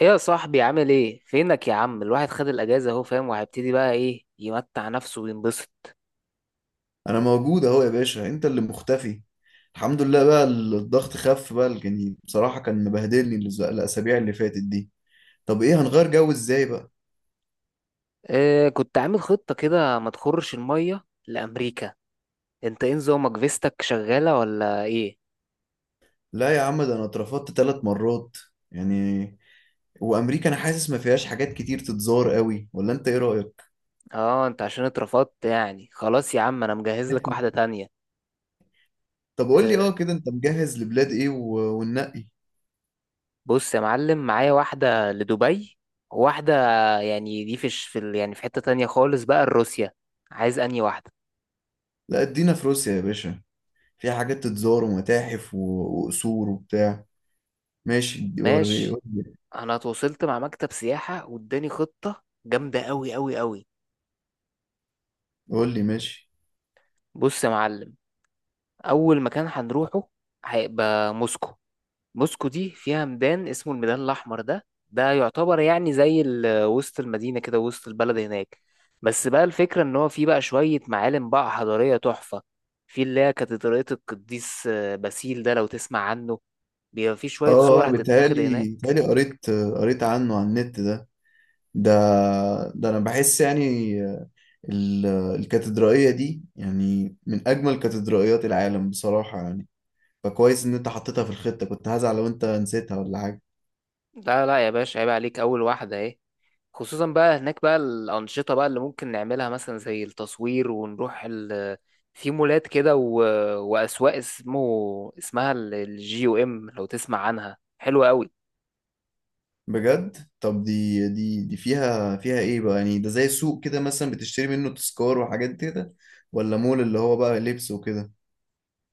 ايه يا صاحبي، عامل ايه؟ فينك يا عم؟ الواحد خد الاجازه اهو، فاهم؟ وهيبتدي بقى ايه؟ يمتع نفسه وينبسط. انا موجود اهو يا باشا، انت اللي مختفي. الحمد لله بقى الضغط خف بقى، يعني بصراحة كان مبهدلني الاسابيع اللي فاتت دي. طب ايه هنغير جو ازاي بقى؟ إيه، كنت عامل خطه كده ما تخرش الميه لامريكا. انت ايه نظامك؟ فيستك شغاله ولا ايه؟ لا يا عم، ده انا اترفضت 3 مرات يعني. وامريكا انا حاسس ما فيهاش حاجات كتير تتزار قوي، ولا انت ايه رأيك؟ اه انت عشان اترفضت يعني خلاص. يا عم انا مجهز لك واحده تانية. طب قول لي إيه. اه كده انت مجهز لبلاد ايه وننقي. بص يا معلم، معايا واحده لدبي وواحده، يعني دي في الش- في ال- يعني في حته تانية خالص بقى، لروسيا. عايز انهي واحده؟ لا ادينا في روسيا يا باشا، فيها حاجات تتزار ومتاحف وقصور وبتاع. ماشي، وري ماشي. قول لي. انا اتواصلت مع مكتب سياحة واداني خطة جامدة قوي قوي قوي. قول لي ماشي. بص يا معلم، اول مكان هنروحه هيبقى موسكو. موسكو دي فيها ميدان اسمه الميدان الاحمر، ده يعتبر يعني وسط المدينة كده، وسط البلد هناك. بس بقى الفكرة ان هو فيه بقى شوية معالم بقى حضارية تحفة. في اللي هي كاتدرائية القديس باسيل، ده لو تسمع عنه. بيبقى فيه شوية اه صور انا بيتهيألي هتتاخد هناك. بيتهيألي قريت عنه على النت ده. ده ده انا بحس يعني ال- الكاتدرائية دي يعني من اجمل كاتدرائيات العالم بصراحة يعني. فكويس ان انت حطيتها في الخطة، كنت هزعل لو انت نسيتها ولا حاجة. لا لا يا باشا، عيب عليك، اول واحدة اهي. خصوصا بقى هناك بقى الأنشطة بقى اللي ممكن نعملها، مثلا زي التصوير ونروح في مولات كده وأسواق اسمها الجي او ام، لو تسمع عنها، حلوة قوي. بجد؟ طب دي فيها ايه بقى؟ يعني ده زي سوق كده مثلا بتشتري منه تذكار وحاجات كده، ولا مول اللي هو بقى لبس وكده؟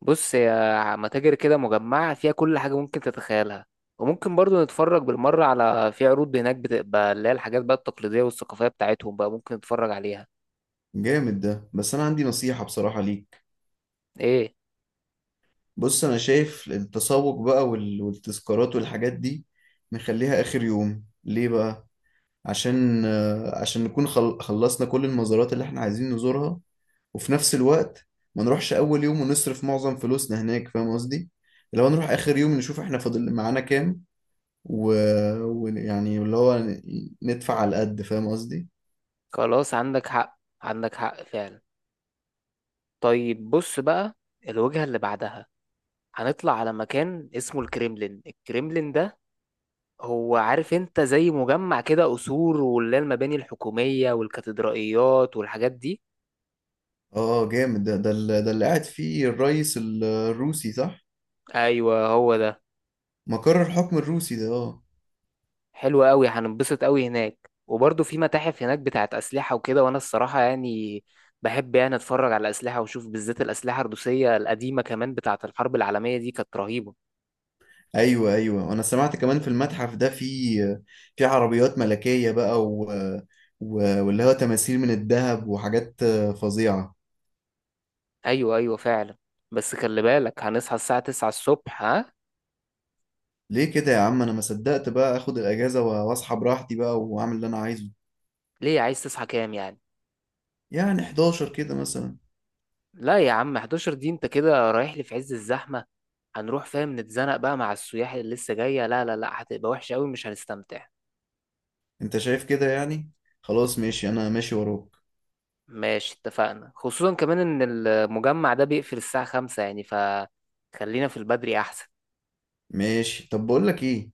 بص، هي متاجر كده مجمعة فيها كل حاجة ممكن تتخيلها. وممكن برضو نتفرج بالمرة على في عروض هناك، بتبقى اللي هي الحاجات بقى التقليدية والثقافية بتاعتهم بقى ممكن نتفرج عليها. جامد ده، بس انا عندي نصيحة بصراحة ليك. ايه؟ بص، انا شايف التسوق بقى والتذكارات والحاجات دي نخليها اخر يوم. ليه بقى؟ عشان عشان نكون خلصنا كل المزارات اللي احنا عايزين نزورها، وفي نفس الوقت ما نروحش اول يوم ونصرف معظم فلوسنا هناك، فاهم قصدي؟ لو نروح اخر يوم نشوف احنا فاضل معانا كام، ويعني ويعني اللي هو ندفع على قد، فاهم قصدي؟ خلاص، عندك حق عندك حق فعلا. طيب بص بقى، الوجهة اللي بعدها هنطلع على مكان اسمه الكريملين. الكريملين ده هو، عارف انت، زي مجمع كده قصور واللي هي المباني الحكومية والكاتدرائيات والحاجات دي. اه جامد ده اللي قاعد فيه الرئيس الروسي، صح؟ ايوه، هو ده. مقر الحكم الروسي ده، اه. حلو قوي، هننبسط قوي هناك. وبرضه في متاحف هناك بتاعت أسلحة وكده، وانا الصراحة يعني بحب يعني اتفرج على الأسلحة، واشوف بالذات الأسلحة الروسية القديمة، كمان بتاعت الحرب العالمية دي كانت رهيبة. ايوه، ايوه، انا سمعت كمان في المتحف ده في في عربيات ملكية بقى و... واللي هو تماثيل من الذهب وحاجات فظيعة. ايوه ايوه فعلا. بس خلي بالك، هنصحى الساعة 9 الصبح، ها؟ ليه كده يا عم؟ انا ما صدقت بقى اخد الاجازة واصحى براحتي بقى واعمل اللي انا عايزه. ليه؟ عايز تصحى كام يعني؟ يعني 11 كده مثلا. لا يا عم، 11 دي انت كده رايح لي في عز الزحمة. هنروح، فاهم، نتزنق بقى مع السياح اللي لسه جاية. لا لا لا، هتبقى وحشة قوي، مش هنستمتع. انت شايف كده يعني؟ خلاص ماشي، انا ماشي وراك. ماشي اتفقنا، خصوصا كمان ان المجمع ده بيقفل الساعة خمسة يعني، فخلينا في البدري احسن. ماشي، طب بقول لك ايه،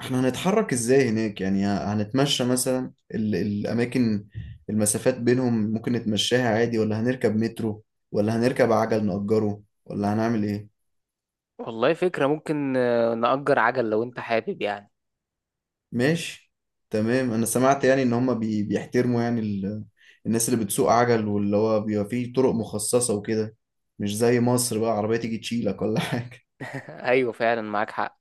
احنا هنتحرك ازاي هناك؟ يعني هنتمشى مثلا، الاماكن المسافات بينهم ممكن نتمشاها عادي، ولا هنركب مترو، ولا هنركب عجل نأجره، ولا هنعمل ايه؟ والله فكرة، ممكن نأجر عجل لو انت حابب يعني. ماشي. تمام، انا سمعت يعني ان هما بيحترموا يعني الناس اللي بتسوق عجل، واللي هو بيبقى فيه طرق مخصصة وكده، مش زي مصر بقى عربية تيجي تشيلك ولا حاجة. ايوه فعلا، معاك حق.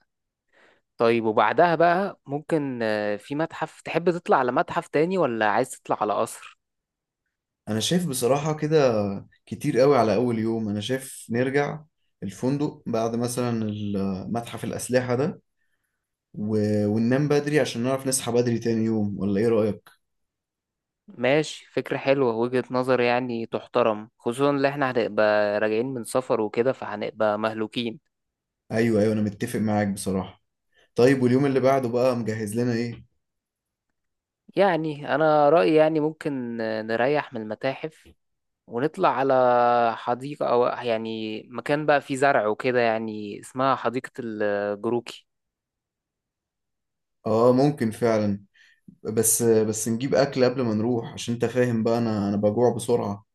طيب وبعدها بقى، ممكن في متحف تحب تطلع على متحف تاني، ولا عايز تطلع على قصر؟ انا شايف بصراحة كده كتير قوي على اول يوم. انا شايف نرجع الفندق بعد مثلا متحف الاسلحة ده و... وننام بدري عشان نعرف نصحى بدري تاني يوم، ولا ايه رأيك؟ ماشي، فكرة حلوة، وجهة نظر يعني تحترم، خصوصا ان احنا هنبقى راجعين من سفر وكده فهنبقى مهلوكين. ايوه، ايوه، انا متفق معاك بصراحة. طيب، واليوم اللي بعده بقى مجهز لنا ايه؟ يعني انا رأيي يعني ممكن نريح من المتاحف ونطلع على حديقة، او يعني مكان بقى فيه زرع وكده، يعني اسمها حديقة الجروكي. اه ممكن فعلا. بس نجيب اكل قبل ما نروح، عشان انت فاهم بقى، انا بجوع بسرعة.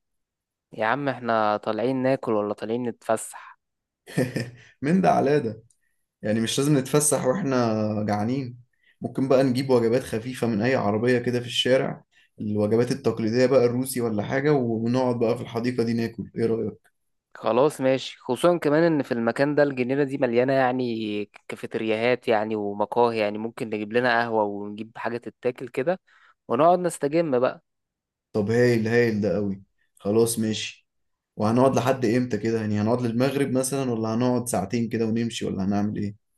يا عم، احنا طالعين ناكل ولا طالعين نتفسح؟ من ده على ده. يعني مش لازم نتفسح واحنا جعانين. ممكن بقى نجيب وجبات خفيفة من أي عربية كده في الشارع، الوجبات التقليدية بقى الروسي ولا حاجة، ونقعد بقى في الحديقة دي ناكل، إيه رأيك؟ خلاص ماشي، خصوصا كمان ان في المكان ده الجنينة دي مليانة يعني كافيترياهات يعني ومقاهي، يعني ممكن نجيب لنا قهوة ونجيب حاجة تتاكل كده ونقعد نستجم بقى. طب هايل، هايل ده قوي. خلاص ماشي. وهنقعد لحد إمتى كده؟ يعني هنقعد للمغرب مثلا، ولا هنقعد ساعتين كده ونمشي، ولا هنعمل إيه؟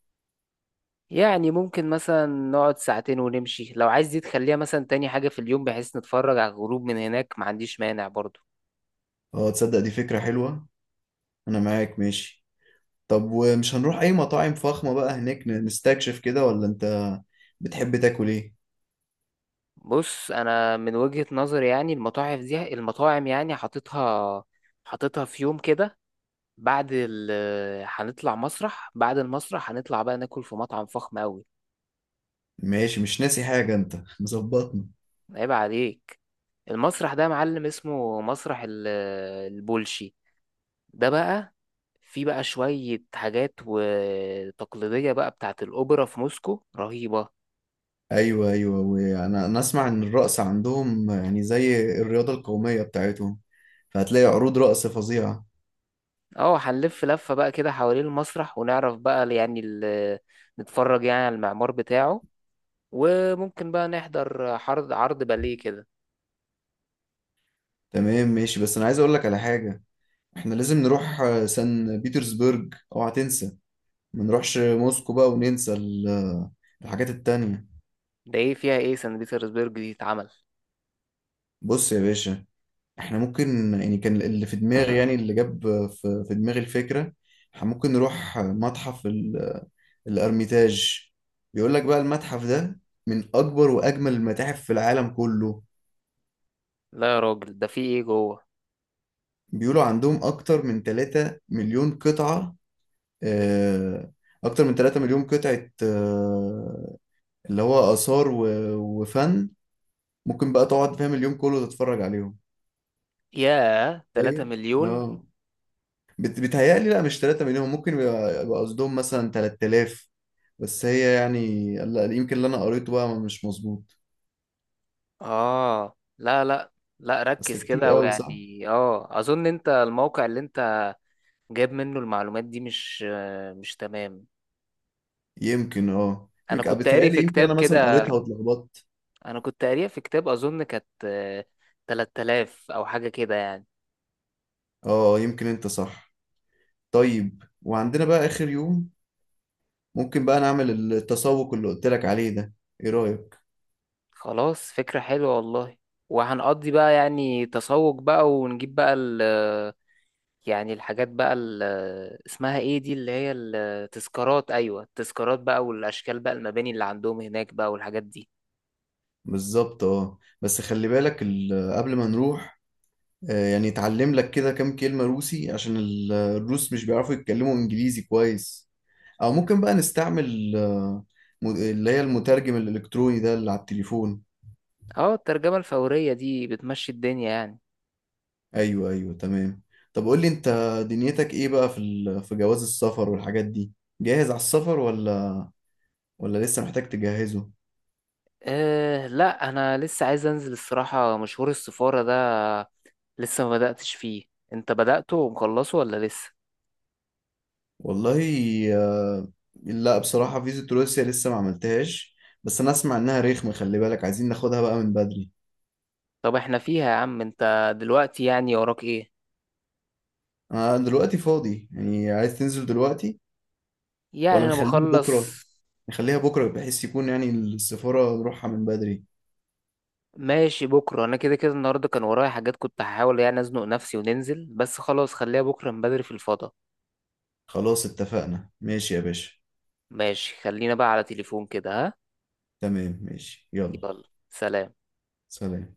يعني ممكن مثلا نقعد ساعتين ونمشي. لو عايز دي تخليها مثلا تاني حاجة في اليوم بحيث نتفرج على الغروب من هناك، ما عنديش مانع برضو. اه، تصدق دي فكرة حلوة. أنا معاك، ماشي. طب ومش هنروح أي مطاعم فخمة بقى هناك نستكشف كده، ولا أنت بتحب تاكل إيه؟ بص، أنا من وجهة نظري يعني، المطاعم يعني حاططها في يوم كده بعد ال هنطلع مسرح، بعد المسرح هنطلع بقى ناكل في مطعم فخم أوي. ماشي، مش ناسي حاجة أنت، مظبطني. عيب عليك. المسرح ده يا معلم، اسمه مسرح البولشي. ده بقى في بقى شوية حاجات وتقليدية بقى بتاعة الأوبرا في موسكو رهيبة. ايوه، ايوه، وانا انا اسمع ان الرقص عندهم يعني زي الرياضه القوميه بتاعتهم، فهتلاقي عروض رقص فظيعه. اه، هنلف لفة بقى كده حوالين المسرح، ونعرف بقى نتفرج يعني على المعمار بتاعه، وممكن بقى نحضر عرض باليه كده. تمام ماشي، بس انا عايز اقول لك على حاجه. احنا لازم نروح سان بيترسبرج، اوعى تنسى. ما نروحش موسكو بقى وننسى الحاجات التانية. ده ايه؟ فيها ايه سان بيترسبرج دي اتعمل؟ بص يا باشا، احنا ممكن يعني، كان اللي في دماغي، يعني اللي جاب في دماغي الفكره، احنا ممكن نروح متحف الارميتاج. بيقول لك بقى المتحف ده من اكبر واجمل المتاحف في العالم كله. لا يا راجل، ده في ايه جوه؟ بيقولوا عندهم أكتر من 3 مليون قطعة، آه، أكتر من 3 مليون قطعة، اللي هو آثار وفن، ممكن بقى تقعد فاهم اليوم كله تتفرج عليهم. ياه، 3 تخيل. مليون! اه بيتهيألي لا، مش 3 مليون، ممكن يبقى قصدهم مثلا 3000. بس هي يعني لا، يمكن اللي أنا قريته بقى مش مظبوط. اه لا لا لا، أصل ركز كتير كده. قوي صح؟ ويعني اه اظن انت الموقع اللي انت جاب منه المعلومات دي مش مش تمام. يمكن اه انا يمكن كنت قاري في بتهيألي، يمكن كتاب أنا مثلا كده. قريتها واتلخبطت. انا كنت قاريها في كتاب، اظن كانت 3000 او حاجة كده يعني. اه، يمكن أنت صح. طيب وعندنا بقى آخر يوم ممكن بقى نعمل التسوق اللي قلت لك عليه ده، ايه رأيك؟ خلاص، فكرة حلوة والله. وهنقضي بقى يعني تسوق بقى ونجيب بقى ال يعني الحاجات بقى اسمها ايه دي، اللي هي التذكارات، ايوه التذكارات بقى، والاشكال بقى المباني اللي عندهم هناك بقى والحاجات دي. بالظبط. اه بس خلي بالك، قبل ما نروح يعني اتعلم لك كده كام كلمة روسي، عشان الروس مش بيعرفوا يتكلموا انجليزي كويس. او ممكن بقى نستعمل اللي هي المترجم الالكتروني ده اللي على التليفون. اه، الترجمة الفورية دي بتمشي الدنيا يعني. ايوه، ايوه، تمام. طب قول لي انت، دنيتك ايه بقى في في جواز السفر والحاجات دي. جاهز على السفر، ولا لسه محتاج تجهزه؟ أه لا، انا لسه عايز انزل الصراحه مشوار السفاره ده، لسه ما بداتش فيه. انت بدأته ومخلصه ولا لسه؟ والله، آه، لا، بصراحة فيزة روسيا لسه ما عملتهاش، بس أنا أسمع إنها رخمة، خلي بالك عايزين ناخدها بقى من بدري. طب احنا فيها يا عم. انت دلوقتي يعني وراك ايه؟ أنا دلوقتي فاضي، يعني عايز تنزل دلوقتي يعني ولا انا نخليها بكرة؟ بخلص. نخليها بكرة بحيث يكون يعني السفارة نروحها من بدري. ماشي بكره، انا كده كده النهارده كان ورايا حاجات كنت هحاول يعني ازنق نفسي وننزل، بس خلاص خليها بكره من بدري في الفضاء. خلاص اتفقنا، ماشي يا باشا. ماشي، خلينا بقى على تليفون كده، ها؟ تمام ماشي، يلا. يلا، سلام. سلام.